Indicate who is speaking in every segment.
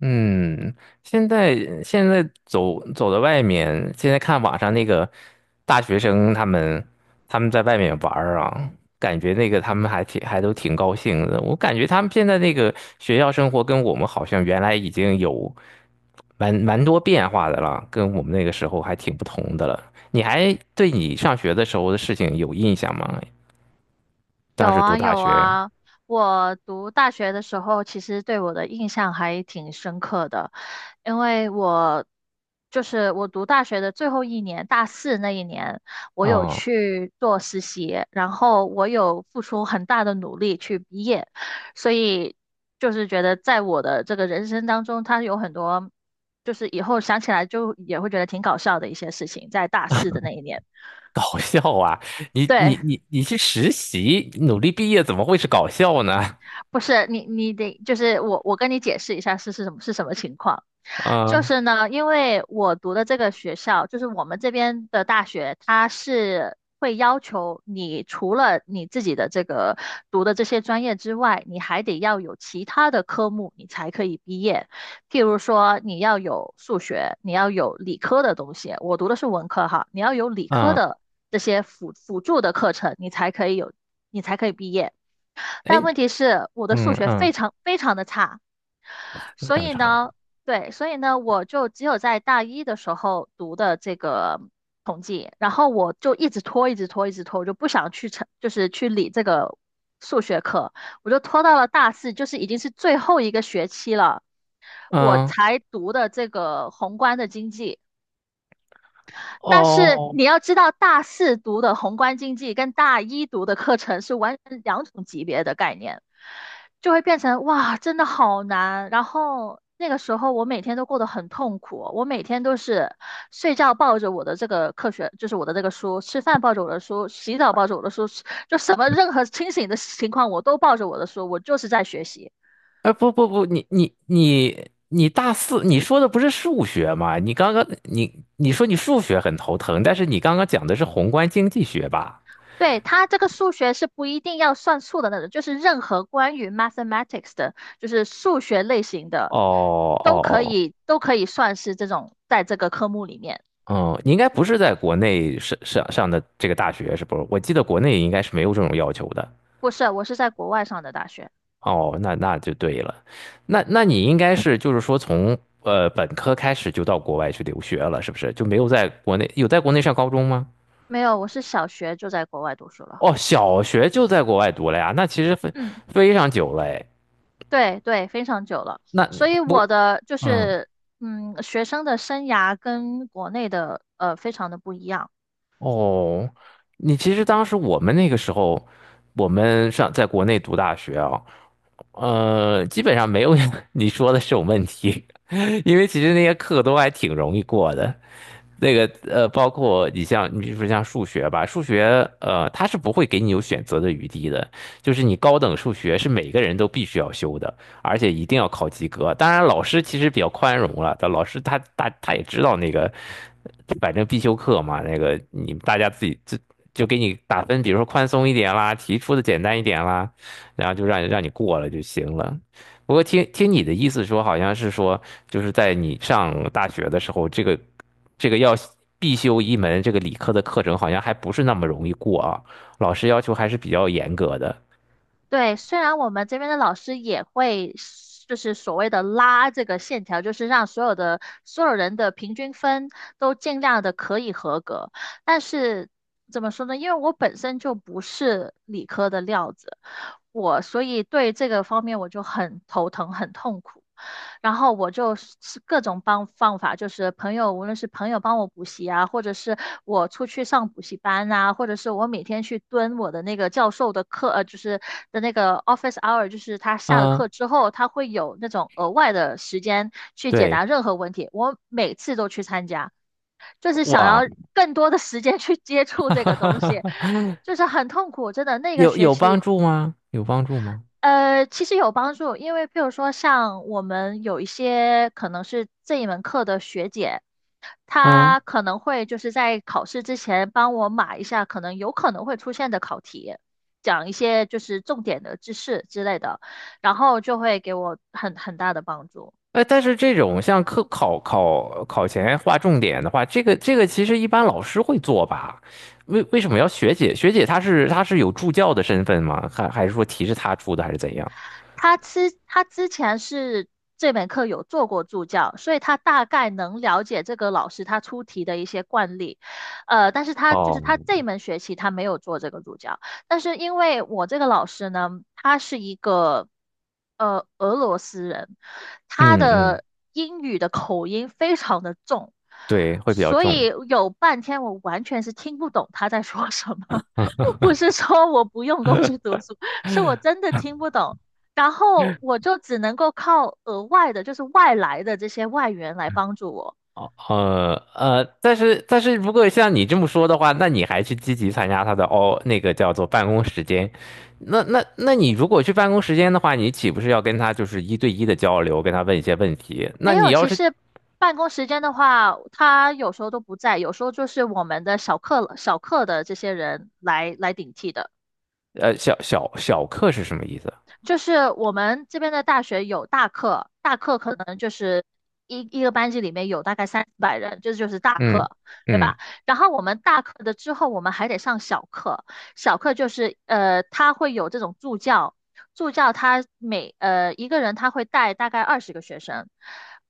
Speaker 1: 嗯，现在现在走到外面，现在看网上那个大学生他们在外面玩儿啊，感觉那个他们还都挺高兴的。我感觉他们现在那个学校生活跟我们好像原来已经有蛮多变化的了，跟我们那个时候还挺不同的了。你还对你上学的时候的事情有印象吗？当
Speaker 2: 有
Speaker 1: 时读
Speaker 2: 啊
Speaker 1: 大
Speaker 2: 有
Speaker 1: 学，
Speaker 2: 啊，我读大学的时候，其实对我的印象还挺深刻的，因为我就是我读大学的最后一年，大四那一年，我有
Speaker 1: 嗯，
Speaker 2: 去做实习，然后我有付出很大的努力去毕业，所以就是觉得在我的这个人生当中，它有很多就是以后想起来就也会觉得挺搞笑的一些事情，在大四的那一年，
Speaker 1: 搞笑啊！你
Speaker 2: 对。
Speaker 1: 你你你去实习，努力毕业，怎么会是搞笑呢？
Speaker 2: 不是你，你得就是我，我跟你解释一下是是什么是什么情况。就
Speaker 1: 嗯
Speaker 2: 是呢，因为我读的这个学校，就是我们这边的大学，它是会要求你除了你自己的这个读的这些专业之外，你还得要有其他的科目，你才可以毕业。譬如说，你要有数学，你要有理科的东西。我读的是文科哈，你要有理科
Speaker 1: 嗯，
Speaker 2: 的这些辅助的课程，你才可以有，你才可以毕业。
Speaker 1: 哎，
Speaker 2: 但问题是我的
Speaker 1: 嗯
Speaker 2: 数学非
Speaker 1: 嗯，
Speaker 2: 常非常的差，
Speaker 1: 你
Speaker 2: 所
Speaker 1: 想
Speaker 2: 以
Speaker 1: 啥？
Speaker 2: 呢，对，所以呢，我就只有在大一的时候读的这个统计，然后我就一直拖，一直拖，一直拖，我就不想去成，就是去理这个数学课，我就拖到了大四，就是已经是最后一个学期了，我
Speaker 1: 嗯，
Speaker 2: 才读的这个宏观的经济。但是
Speaker 1: 哦，
Speaker 2: 你要知道，大四读的宏观经济跟大一读的课程是完全两种级别的概念，就会变成哇，真的好难。然后那个时候我每天都过得很痛苦，我每天都是睡觉抱着我的这个课学，就是我的这个书，吃饭抱着我的书，洗澡抱着我的书，就什么任何清醒的情况我都抱着我的书，我就是在学习。
Speaker 1: 哎，不不不，你大四，你说的不是数学吗？你刚刚你说你数学很头疼，但是你刚刚讲的是宏观经济学吧？
Speaker 2: 对，它这个数学是不一定要算数的那种，就是任何关于 mathematics 的，就是数学类型的，
Speaker 1: 哦
Speaker 2: 都可
Speaker 1: 哦
Speaker 2: 以都可以算是这种在这个科目里面。
Speaker 1: 哦，嗯，你应该不是在国内上的这个大学是不是？我记得国内应该是没有这种要求的。
Speaker 2: 不是，我是在国外上的大学，
Speaker 1: 哦，那就对了，那你应该是就是说从本科开始就到国外去留学了，是不是？就没有在国内上高中吗？
Speaker 2: 没有，我是小学就在国外读书了。
Speaker 1: 哦，小学就在国外读了呀，那其实非
Speaker 2: 嗯，
Speaker 1: 非常久了哎。
Speaker 2: 对对，非常久了。
Speaker 1: 那
Speaker 2: 所以我
Speaker 1: 不，
Speaker 2: 的就
Speaker 1: 嗯，
Speaker 2: 是嗯，学生的生涯跟国内的非常的不一样。
Speaker 1: 哦，你其实当时我们那个时候，我们上在国内读大学啊，基本上没有 你说的这种问题，因为其实那些课都还挺容易过的。那个包括你比如说像数学吧，数学它是不会给你有选择的余地的，就是你高等数学是每个人都必须要修的，而且一定要考及格。当然，老师其实比较宽容了，但老师他也知道那个，反正必修课嘛，那个你大家自己就给你打分，比如说宽松一点啦，题出的简单一点啦，然后就让你过了就行了。不过听听你的意思说，好像是说，就是在你上大学的时候，这个要必修一门这个理科的课程，好像还不是那么容易过啊，老师要求还是比较严格的。
Speaker 2: 对，虽然我们这边的老师也会，就是所谓的拉这个线条，就是让所有人的平均分都尽量的可以合格，但是怎么说呢？因为我本身就不是理科的料子，我所以对这个方面我就很头疼，很痛苦。然后我就是各种帮方法，就是朋友，无论是朋友帮我补习啊，或者是我出去上补习班啊，或者是我每天去蹲我的那个教授的课，就是的那个 office hour，就是他下了
Speaker 1: 嗯，
Speaker 2: 课之后，他会有那种额外的时间去解答
Speaker 1: 对，
Speaker 2: 任何问题，我每次都去参加，就是想要
Speaker 1: 哇，
Speaker 2: 更多的时间去接触这个东西，就是很痛苦，真的那个
Speaker 1: 有
Speaker 2: 学
Speaker 1: 有帮
Speaker 2: 期。
Speaker 1: 助吗？有帮助吗？
Speaker 2: 其实有帮助，因为譬如说，像我们有一些可能是这一门课的学姐，
Speaker 1: 嗯。
Speaker 2: 她可能会就是在考试之前帮我码一下可能有可能会出现的考题，讲一些就是重点的知识之类的，然后就会给我很大的帮助。
Speaker 1: 但是这种像课考考考前划重点的话，这个其实一般老师会做吧？为什么要学姐？学姐她是有助教的身份吗？还是说题是她出的，还是怎样？
Speaker 2: 他之前是这门课有做过助教，所以他大概能了解这个老师他出题的一些惯例，但是他就是
Speaker 1: 哦，
Speaker 2: 他这门学期他没有做这个助教，但是因为我这个老师呢，他是一个俄罗斯人，他
Speaker 1: 嗯嗯，
Speaker 2: 的英语的口音非常的重，
Speaker 1: 对，会比较
Speaker 2: 所
Speaker 1: 重。
Speaker 2: 以有半天我完全是听不懂他在说什么，不是说我不用功去读书，是我真的听不懂。然后我就只能够靠额外的，就是外来的这些外援来帮助我。
Speaker 1: 哦，但是如果像你这么说的话，那你还去积极参加他的，哦，那个叫做办公时间，那你如果去办公时间的话，你岂不是要跟他就是一对一的交流，跟他问一些问题？
Speaker 2: 没
Speaker 1: 那你
Speaker 2: 有，
Speaker 1: 要
Speaker 2: 其
Speaker 1: 是
Speaker 2: 实办公时间的话，他有时候都不在，有时候就是我们的小课的这些人来来顶替的。
Speaker 1: 小课是什么意思？
Speaker 2: 就是我们这边的大学有大课，大课可能就是一个班级里面有大概三四百人，这就是大
Speaker 1: 嗯
Speaker 2: 课，对
Speaker 1: 嗯，
Speaker 2: 吧？然后我们大课的之后，我们还得上小课，小课就是他会有这种助教，助教他每一个人他会带大概二十个学生，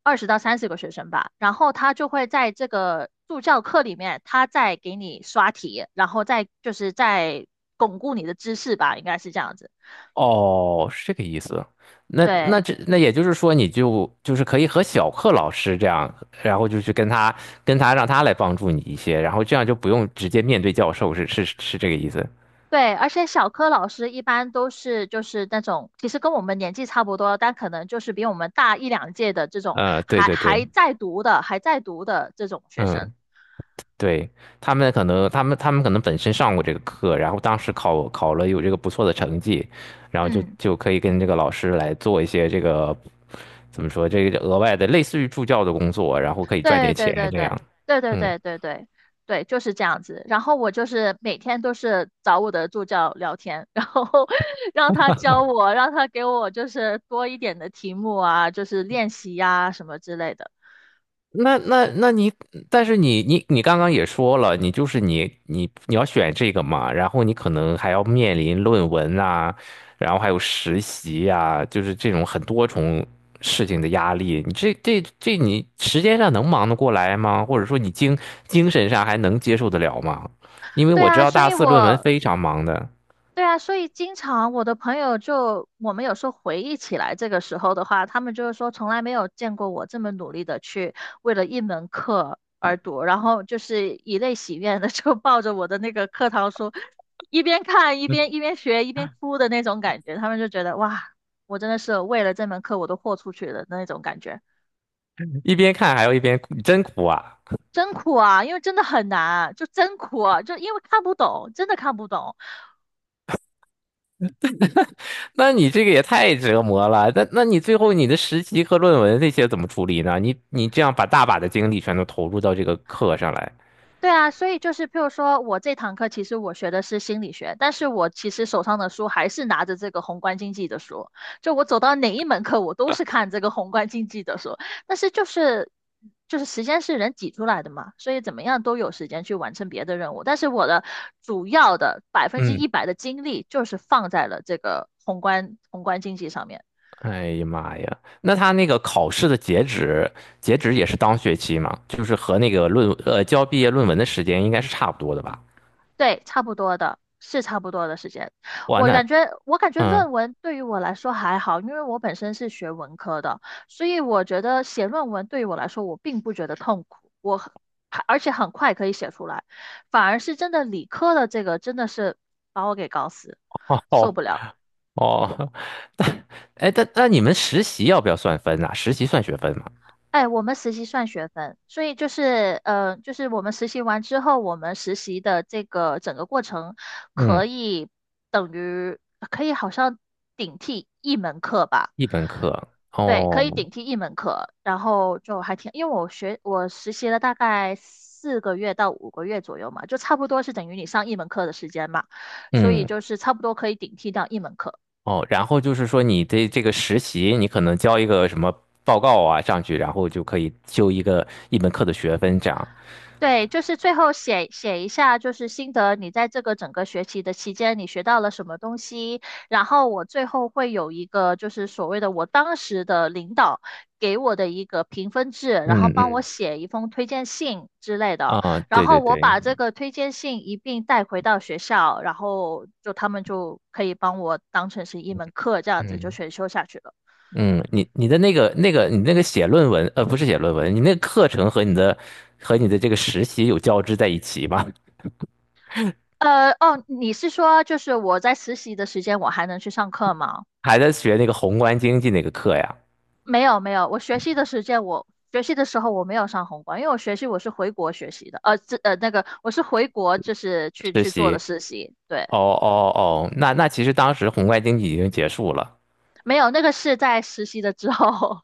Speaker 2: 二十到三十个学生吧，然后他就会在这个助教课里面，他再给你刷题，然后再就是再巩固你的知识吧，应该是这样子，
Speaker 1: 哦，是这个意思。那
Speaker 2: 对。
Speaker 1: 那这那也就是说，你就是可以和小课老师这样，然后就去跟他让他来帮助你一些，然后这样就不用直接面对教授，是是是这个意思。
Speaker 2: 对，而且小柯老师一般都是就是那种，其实跟我们年纪差不多，但可能就是比我们大一两届的这种，
Speaker 1: 对
Speaker 2: 还
Speaker 1: 对
Speaker 2: 还
Speaker 1: 对，
Speaker 2: 在读的，还在读的这种学生。
Speaker 1: 嗯，对，他们可能本身上过这个课，然后当时考了有这个不错的成绩，然后就
Speaker 2: 嗯，
Speaker 1: 就可以跟这个老师来做一些这个怎么说，这个额外的类似于助教的工作，然后可以赚
Speaker 2: 对
Speaker 1: 点
Speaker 2: 对
Speaker 1: 钱
Speaker 2: 对
Speaker 1: 这
Speaker 2: 对
Speaker 1: 样。
Speaker 2: 对对
Speaker 1: 嗯。
Speaker 2: 对对对对，就是这样子。然后我就是每天都是找我的助教聊天，然后 让他教我，让他给我就是多一点的题目啊，就是练习呀、什么之类的。
Speaker 1: 那你，但是你刚刚也说了，你就是你要选这个嘛，然后你可能还要面临论文啊，然后还有实习啊，就是这种很多重事情的压力，你这这这你时间上能忙得过来吗？或者说你精神上还能接受得了吗？因为
Speaker 2: 对
Speaker 1: 我知
Speaker 2: 啊，
Speaker 1: 道
Speaker 2: 所
Speaker 1: 大
Speaker 2: 以
Speaker 1: 四论文
Speaker 2: 我
Speaker 1: 非常忙的，
Speaker 2: 对啊，所以经常我的朋友就，我们有时候回忆起来这个时候的话，他们就是说从来没有见过我这么努力的去为了一门课而读，然后就是以泪洗面的 就抱着我的那个课堂书，一边看一边学一边哭的那种感觉，他们就觉得哇，我真的是为了这门课我都豁出去了的那种感觉，
Speaker 1: 一边看还要一边哭，真苦啊！
Speaker 2: 真苦啊，因为真的很难啊，就真苦啊就因为看不懂，真的看不懂。
Speaker 1: 那你这个也太折磨了。那你最后你的实习和论文这些怎么处理呢？你这样把大把的精力全都投入到这个课上来，
Speaker 2: 对啊，所以就是，譬如说我这堂课其实我学的是心理学，但是我其实手上的书还是拿着这个宏观经济的书，就我走到哪一门课，我都是看这个宏观经济的书。但是就是时间是人挤出来的嘛，所以怎么样都有时间去完成别的任务。但是我的主要的百分之
Speaker 1: 嗯，
Speaker 2: 一百的精力就是放在了这个宏观经济上面。
Speaker 1: 哎呀妈呀！那他那个考试的截止也是当学期嘛，就是和那个交毕业论文的时间应该是差不多的吧？
Speaker 2: 对，差不多的，是差不多的时间。
Speaker 1: 哇，
Speaker 2: 我感
Speaker 1: 那，
Speaker 2: 觉，我感觉
Speaker 1: 嗯，
Speaker 2: 论文对于我来说还好，因为我本身是学文科的，所以我觉得写论文对于我来说，我并不觉得痛苦，我很而且很快可以写出来，反而是真的理科的这个真的是把我给搞死，受
Speaker 1: 哦
Speaker 2: 不了。
Speaker 1: 哦，但但那你们实习要不要算分呐、实习算学分吗？
Speaker 2: 哎，我们实习算学分，所以就是就是我们实习完之后，我们实习的这个整个过程可
Speaker 1: 嗯，
Speaker 2: 以等于可以好像顶替一门课吧。
Speaker 1: 一门课
Speaker 2: 对，可以
Speaker 1: 哦，
Speaker 2: 顶替一门课，然后就还挺，因为我学我实习了大概四个月到五个月左右嘛，就差不多是等于你上一门课的时间嘛，所以
Speaker 1: 嗯。
Speaker 2: 就是差不多可以顶替掉一门课。
Speaker 1: 哦，然后就是说你的这个实习，你可能交一个什么报告啊上去，然后就可以修一门课的学分这样。
Speaker 2: 对，就是最后写写一下，就是心得，你在这个整个学期的期间，你学到了什么东西。然后我最后会有一个，就是所谓的我当时的领导给我的一个评分制，然后
Speaker 1: 嗯
Speaker 2: 帮我
Speaker 1: 嗯，
Speaker 2: 写一封推荐信之类的。
Speaker 1: 啊，
Speaker 2: 然
Speaker 1: 对
Speaker 2: 后
Speaker 1: 对
Speaker 2: 我
Speaker 1: 对，
Speaker 2: 把这个推荐信一并带回到学校，然后就他们就可以帮我当成是一门课，这样子就
Speaker 1: 嗯
Speaker 2: 选修下去了。
Speaker 1: 嗯，你你的那个那个你那个写论文，不是写论文，你那个课程和你的这个实习有交织在一起吗？
Speaker 2: 你是说就是我在实习的时间，我还能去上课吗？
Speaker 1: 还在学那个宏观经济那个课呀？
Speaker 2: 没有没有，我学习的时间我学习的时候我没有上宏观，因为我学习我是回国学习的，呃，这呃那个我是回国就是去
Speaker 1: 实
Speaker 2: 去做的
Speaker 1: 习？
Speaker 2: 实习，对，
Speaker 1: 哦哦哦，那其实当时宏观经济已经结束了。
Speaker 2: 没有那个是在实习的之后，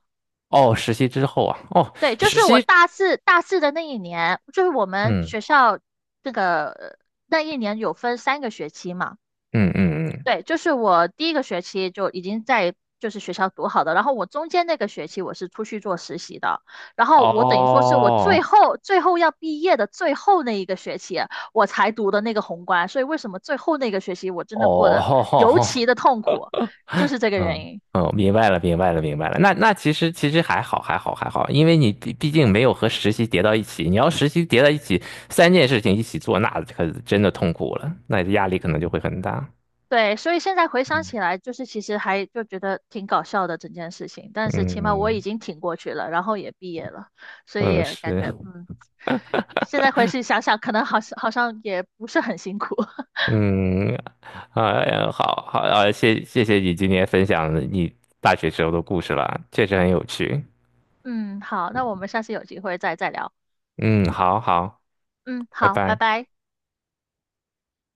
Speaker 1: 哦，实习之后啊，哦，
Speaker 2: 对，就
Speaker 1: 实
Speaker 2: 是我
Speaker 1: 习，
Speaker 2: 大四的那一年，就是我们
Speaker 1: 嗯
Speaker 2: 学校这个那一年有分三个学期嘛。
Speaker 1: 嗯嗯嗯。
Speaker 2: 对，就是我第一个学期就已经在就是学校读好的，然后我中间那个学期我是出去做实习的，然后我等于说是我最
Speaker 1: 哦
Speaker 2: 后最后要毕业的最后那一个学期我才读的那个宏观，所以为什么最后那个学期我真的过
Speaker 1: 哦，
Speaker 2: 得尤其的痛苦，就是 这个原
Speaker 1: 嗯
Speaker 2: 因。
Speaker 1: 嗯，明白了，明白了，明白了。那其实还好，还好，还好，因为你毕竟没有和实习叠到一起。你要实习叠到一起，三件事情一起做，那可真的痛苦了，那压力可能就会很大。
Speaker 2: 对，所以现在回想
Speaker 1: 嗯，
Speaker 2: 起来，就是其实还就觉得挺搞笑的整件事情，但是起码我已
Speaker 1: 嗯
Speaker 2: 经挺过去了，然后也毕业了，所以
Speaker 1: 嗯，
Speaker 2: 也感
Speaker 1: 是，
Speaker 2: 觉嗯。现在回去想想，可能好像也不是很辛苦。
Speaker 1: 嗯，哎呀，好好啊，谢谢你今天分享你大学时候的故事了，确实很有趣。
Speaker 2: 嗯，好，那我们下次有机会再聊。
Speaker 1: 嗯，好好，
Speaker 2: 嗯，
Speaker 1: 拜
Speaker 2: 好，拜
Speaker 1: 拜。
Speaker 2: 拜。